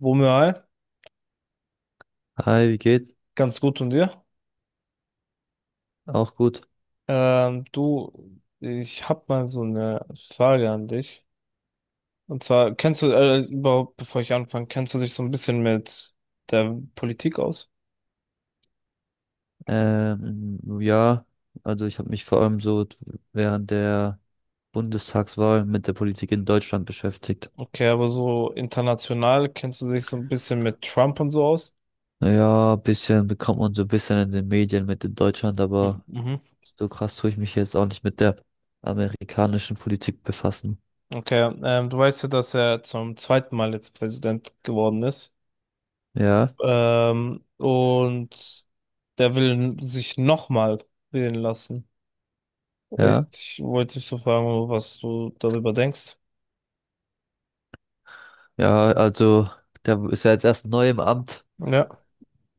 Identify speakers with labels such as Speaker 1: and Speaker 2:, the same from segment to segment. Speaker 1: Womöal,
Speaker 2: Hi, wie geht's?
Speaker 1: ganz gut und dir?
Speaker 2: Auch gut.
Speaker 1: Du, ich habe mal so eine Frage an dich. Und zwar, kennst du, überhaupt, bevor ich anfange, kennst du dich so ein bisschen mit der Politik aus?
Speaker 2: Ja, also ich habe mich vor allem so während der Bundestagswahl mit der Politik in Deutschland beschäftigt.
Speaker 1: Okay, aber so international kennst du dich so ein bisschen mit Trump und so aus?
Speaker 2: Ja, ein bisschen bekommt man so ein bisschen in den Medien mit in Deutschland,
Speaker 1: Mhm,
Speaker 2: aber
Speaker 1: mhm.
Speaker 2: so krass tue ich mich jetzt auch nicht mit der amerikanischen Politik befassen.
Speaker 1: Okay, du weißt ja, dass er zum zweiten Mal jetzt Präsident geworden ist.
Speaker 2: Ja,
Speaker 1: Und der will sich nochmal wählen lassen.
Speaker 2: ja,
Speaker 1: Ich wollte dich so fragen, was du darüber denkst.
Speaker 2: ja, also der ist ja jetzt erst neu im Amt,
Speaker 1: Ja.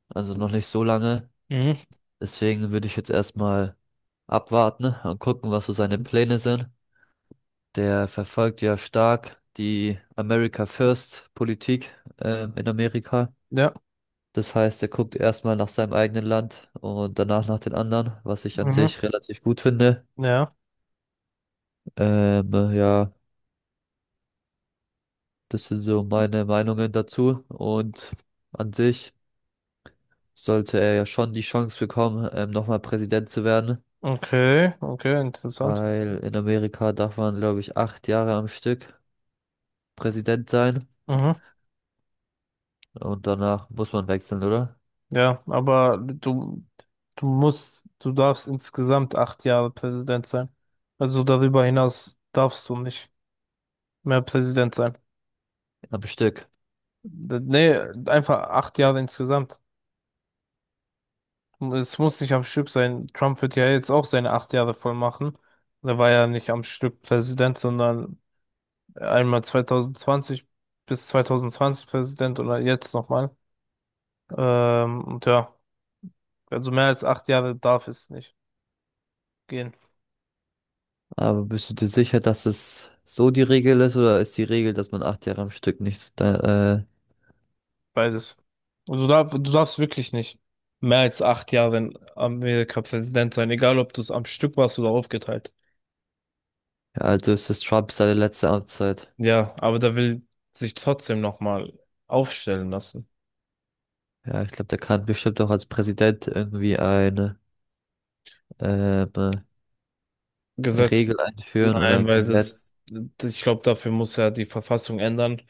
Speaker 2: also noch nicht so lange.
Speaker 1: Mhm.
Speaker 2: Deswegen würde ich jetzt erstmal abwarten und gucken, was so seine Pläne sind. Der verfolgt ja stark die America First Politik in Amerika.
Speaker 1: Ja.
Speaker 2: Das heißt, er guckt erstmal nach seinem eigenen Land und danach nach den anderen, was ich an
Speaker 1: Mhm.
Speaker 2: sich relativ gut finde.
Speaker 1: Ja.
Speaker 2: Ja, das sind so meine Meinungen dazu. Und an sich sollte er ja schon die Chance bekommen, nochmal Präsident zu werden,
Speaker 1: Okay. Okay, interessant.
Speaker 2: weil in Amerika darf man, glaube ich, 8 Jahre am Stück Präsident sein
Speaker 1: Mhm.
Speaker 2: und danach muss man wechseln, oder?
Speaker 1: Ja, aber du, du darfst insgesamt acht Jahre Präsident sein. Also darüber hinaus darfst du nicht mehr Präsident sein.
Speaker 2: Am Stück.
Speaker 1: Nee, einfach acht Jahre insgesamt. Es muss nicht am Stück sein. Trump wird ja jetzt auch seine acht Jahre voll machen. Er war ja nicht am Stück Präsident, sondern einmal 2020 bis 2020 Präsident oder jetzt nochmal. Und ja, also mehr als acht Jahre darf es nicht gehen,
Speaker 2: Aber bist du dir sicher, dass es so die Regel ist oder ist die Regel, dass man 8 Jahre am Stück nicht,
Speaker 1: beides. Also da, du darfst wirklich nicht mehr als acht Jahre in Amerika Präsident sein, egal ob du es am Stück warst oder aufgeteilt.
Speaker 2: ja, also ist es Trump seine letzte Amtszeit?
Speaker 1: Ja, aber da will sich trotzdem nochmal aufstellen lassen.
Speaker 2: Ja, ich glaube, der kann bestimmt auch als Präsident irgendwie eine Regel
Speaker 1: Gesetz.
Speaker 2: einführen oder
Speaker 1: Nein,
Speaker 2: ein
Speaker 1: weil das,
Speaker 2: Gesetz.
Speaker 1: ich glaube, dafür muss er die Verfassung ändern.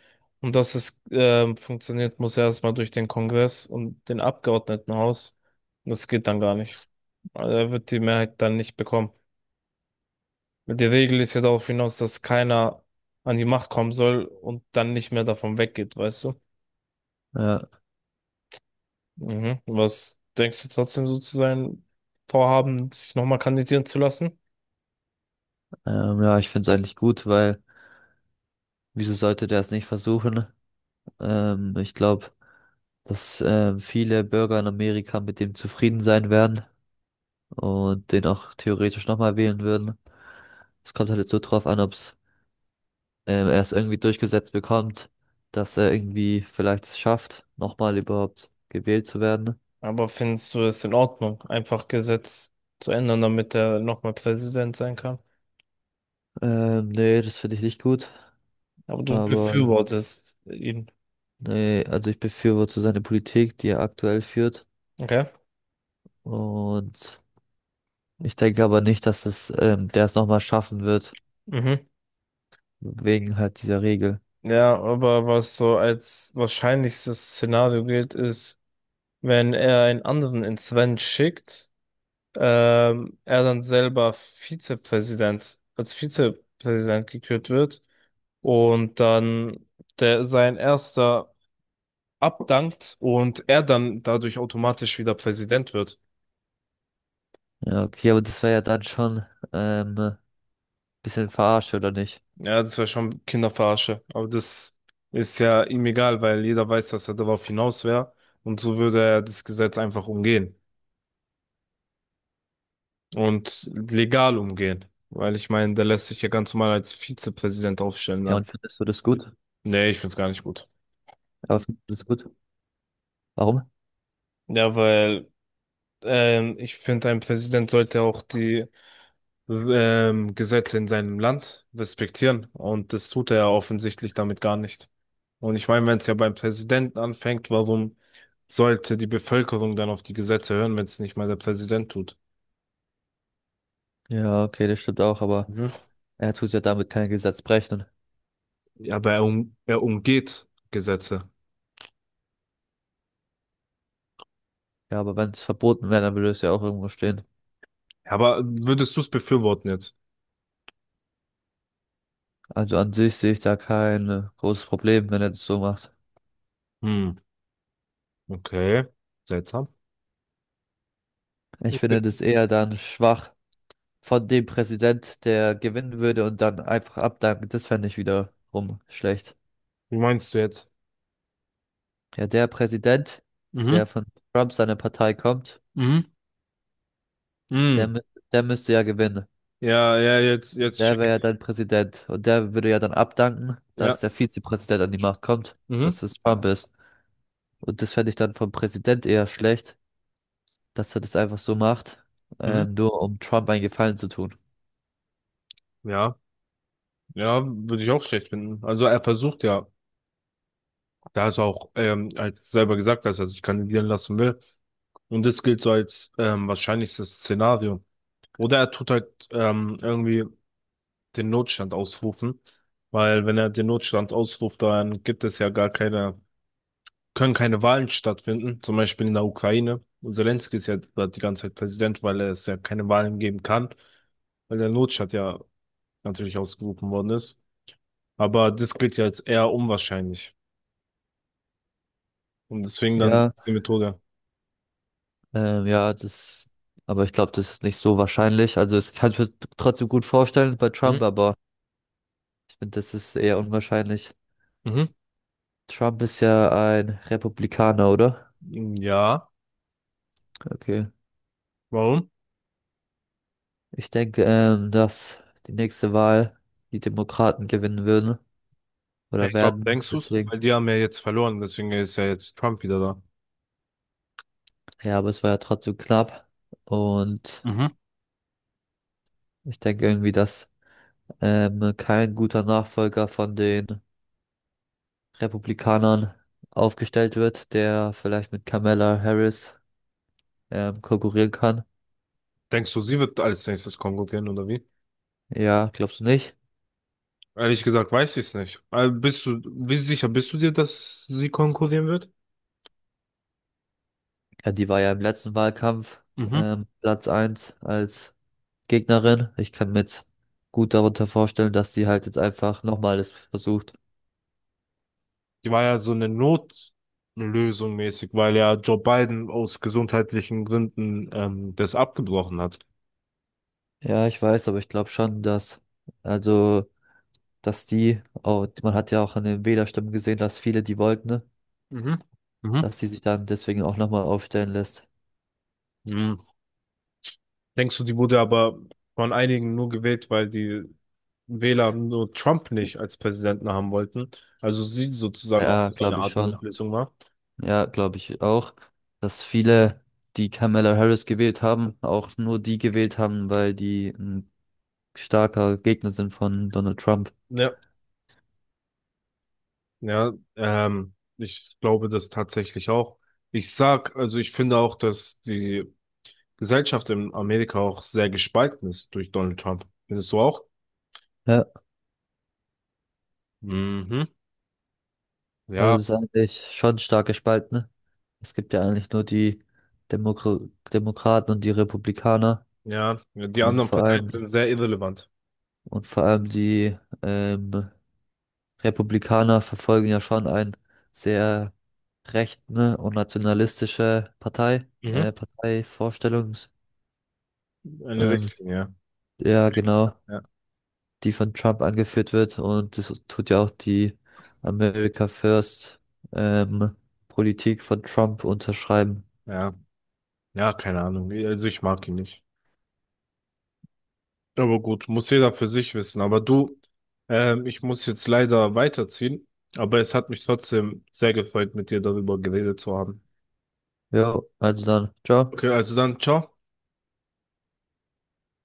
Speaker 1: Und dass es funktioniert, muss erstmal durch den Kongress und den Abgeordnetenhaus. Und das geht dann gar nicht. Also er wird die Mehrheit dann nicht bekommen. Die Regel ist ja darauf hinaus, dass keiner an die Macht kommen soll und dann nicht mehr davon weggeht, weißt du?
Speaker 2: Ja,
Speaker 1: Mhm. Was denkst du trotzdem so zu sein, Vorhaben, sich nochmal kandidieren zu lassen?
Speaker 2: ja, ich finde es eigentlich gut, weil wieso sollte der es nicht versuchen? Ich glaube, dass viele Bürger in Amerika mit dem zufrieden sein werden und den auch theoretisch nochmal wählen würden. Es kommt halt jetzt so drauf an, ob's er es irgendwie durchgesetzt bekommt, dass er irgendwie vielleicht es schafft, nochmal überhaupt gewählt zu werden.
Speaker 1: Aber findest du es in Ordnung, einfach Gesetz zu ändern, damit er nochmal Präsident sein kann?
Speaker 2: Nee, das finde ich nicht gut.
Speaker 1: Aber du
Speaker 2: Aber
Speaker 1: befürwortest ihn.
Speaker 2: nee, also ich befürworte seine Politik, die er aktuell führt.
Speaker 1: Okay.
Speaker 2: Und ich denke aber nicht, dass der es nochmal schaffen wird,
Speaker 1: Mhm.
Speaker 2: wegen halt dieser Regel.
Speaker 1: Ja, aber was so als wahrscheinlichstes Szenario gilt, ist, wenn er einen anderen ins Rennen schickt, er dann selber Vizepräsident, als Vizepräsident gekürt wird und dann der sein erster abdankt und er dann dadurch automatisch wieder Präsident wird.
Speaker 2: Ja, okay, aber das wäre ja dann schon ähm, bisschen verarscht, oder nicht?
Speaker 1: Ja, das wäre schon Kinderverarsche. Aber das ist ja ihm egal, weil jeder weiß, dass er darauf hinaus wäre. Und so würde er das Gesetz einfach umgehen. Und legal umgehen. Weil ich meine, der lässt sich ja ganz normal als Vizepräsident aufstellen
Speaker 2: Ja,
Speaker 1: dann.
Speaker 2: und findest du das gut?
Speaker 1: Nee, ich find's gar nicht gut.
Speaker 2: Aber findest du das gut? Warum?
Speaker 1: Ja, weil ich finde, ein Präsident sollte auch die Gesetze in seinem Land respektieren. Und das tut er ja offensichtlich damit gar nicht. Und ich meine, wenn es ja beim Präsidenten anfängt, warum sollte die Bevölkerung dann auf die Gesetze hören, wenn es nicht mal der Präsident tut?
Speaker 2: Ja, okay, das stimmt auch, aber
Speaker 1: Mhm.
Speaker 2: er tut ja damit kein Gesetz brechen.
Speaker 1: Ja, aber er umgeht Gesetze.
Speaker 2: Ja, aber wenn es verboten wäre, dann würde es ja auch irgendwo stehen.
Speaker 1: Aber würdest du es befürworten jetzt?
Speaker 2: Also an sich sehe ich da kein großes Problem, wenn er das so macht.
Speaker 1: Hm, okay. Seltsam.
Speaker 2: Ich
Speaker 1: Ich
Speaker 2: finde
Speaker 1: be-
Speaker 2: das eher dann schwach von dem Präsident, der gewinnen würde und dann einfach abdanken. Das fände ich wiederum schlecht.
Speaker 1: Wie meinst du jetzt?
Speaker 2: Ja, der Präsident, der
Speaker 1: Mhm,
Speaker 2: von Trump seiner Partei kommt,
Speaker 1: mhm,
Speaker 2: der,
Speaker 1: mhm.
Speaker 2: mü- der müsste ja gewinnen.
Speaker 1: Ja, ja, jetzt
Speaker 2: Der
Speaker 1: check
Speaker 2: wäre ja
Speaker 1: ich.
Speaker 2: dann Präsident und der würde ja dann abdanken, dass
Speaker 1: Ja,
Speaker 2: der Vizepräsident an die Macht kommt,
Speaker 1: mhm,
Speaker 2: dass es Trump ist. Und das fände ich dann vom Präsident eher schlecht, dass er das einfach so macht,
Speaker 1: mhm.
Speaker 2: nur um Trump einen Gefallen zu tun.
Speaker 1: Ja. Ja, würde ich auch schlecht finden. Also er versucht ja, da ist auch halt selber gesagt, dass er sich kandidieren lassen will. Und das gilt so als wahrscheinlichstes Szenario. Oder er tut halt irgendwie den Notstand ausrufen. Weil wenn er den Notstand ausruft, dann gibt es ja gar keine, können keine Wahlen stattfinden. Zum Beispiel in der Ukraine. Und Zelensky ist ja da die ganze Zeit Präsident, weil es ja keine Wahlen geben kann. Weil der Notstand ja natürlich ausgerufen worden ist. Aber das gilt ja als eher unwahrscheinlich. Und deswegen dann
Speaker 2: Ja,
Speaker 1: diese Methode.
Speaker 2: ähm, ja, das, aber ich glaube, das ist nicht so wahrscheinlich. Also, es kann ich mir trotzdem gut vorstellen bei Trump,
Speaker 1: Mhm.
Speaker 2: aber ich finde, das ist eher unwahrscheinlich.
Speaker 1: Mhm.
Speaker 2: Trump ist ja ein Republikaner, oder?
Speaker 1: Ja,
Speaker 2: Okay.
Speaker 1: warum?
Speaker 2: Ich denke, dass die nächste Wahl die Demokraten gewinnen würden oder
Speaker 1: Perfekt. Warum
Speaker 2: werden.
Speaker 1: denkst du's?
Speaker 2: Deswegen,
Speaker 1: Weil die haben ja jetzt verloren, deswegen ist ja jetzt Trump wieder da.
Speaker 2: ja, aber es war ja trotzdem knapp. Und
Speaker 1: Mhm.
Speaker 2: ich denke irgendwie, dass kein guter Nachfolger von den Republikanern aufgestellt wird, der vielleicht mit Kamala Harris konkurrieren kann.
Speaker 1: Denkst du, sie wird als nächstes konkurrieren oder wie?
Speaker 2: Ja, glaubst du nicht?
Speaker 1: Ehrlich gesagt weiß ich es nicht. Also bist du, wie sicher bist du dir, dass sie konkurrieren wird?
Speaker 2: Ja, die war ja im letzten Wahlkampf
Speaker 1: Mhm.
Speaker 2: Platz 1 als Gegnerin. Ich kann mir jetzt gut darunter vorstellen, dass sie halt jetzt einfach nochmal es versucht.
Speaker 1: Die war ja so eine Notlösung mäßig, weil ja Joe Biden aus gesundheitlichen Gründen das abgebrochen hat.
Speaker 2: Ja, ich weiß, aber ich glaube schon, also, dass man hat ja auch an den Wählerstimmen gesehen, dass viele die wollten, ne?
Speaker 1: Mhm. Mhm.
Speaker 2: Dass sie sich dann deswegen auch nochmal aufstellen lässt.
Speaker 1: Mhm. Denkst du, die wurde aber von einigen nur gewählt, weil die Wähler nur Trump nicht als Präsidenten haben wollten. Also sie sozusagen auch
Speaker 2: Ja,
Speaker 1: so eine
Speaker 2: glaube ich
Speaker 1: Art
Speaker 2: schon.
Speaker 1: Notlösung war.
Speaker 2: Ja, glaube ich auch, dass viele, die Kamala Harris gewählt haben, auch nur die gewählt haben, weil die ein starker Gegner sind von Donald Trump.
Speaker 1: Ja, ja, ich glaube das tatsächlich auch. Ich sag, also ich finde auch, dass die Gesellschaft in Amerika auch sehr gespalten ist durch Donald Trump. Findest du auch?
Speaker 2: Ja,
Speaker 1: Mhm.
Speaker 2: also
Speaker 1: Ja,
Speaker 2: es ist eigentlich schon stark gespalten, ne? Es gibt ja eigentlich nur die Demokra Demokraten und die Republikaner
Speaker 1: ja, die
Speaker 2: und
Speaker 1: anderen
Speaker 2: vor Ja.
Speaker 1: Parteien
Speaker 2: allem
Speaker 1: sind sehr irrelevant.
Speaker 2: und vor allem die ähm, Republikaner verfolgen ja schon ein sehr rechten und nationalistische
Speaker 1: Mhm.
Speaker 2: Parteivorstellung.
Speaker 1: Eine Richtlinie.
Speaker 2: Ja genau,
Speaker 1: Ja. Ja,
Speaker 2: die von Trump angeführt wird und das tut ja auch die America First ähm, Politik von Trump unterschreiben.
Speaker 1: ja, ja, keine Ahnung. Also ich mag ihn nicht. Aber gut, muss jeder für sich wissen. Aber du, ich muss jetzt leider weiterziehen. Aber es hat mich trotzdem sehr gefreut, mit dir darüber geredet zu haben.
Speaker 2: Ja, also dann, ciao.
Speaker 1: Okay, also dann, ciao.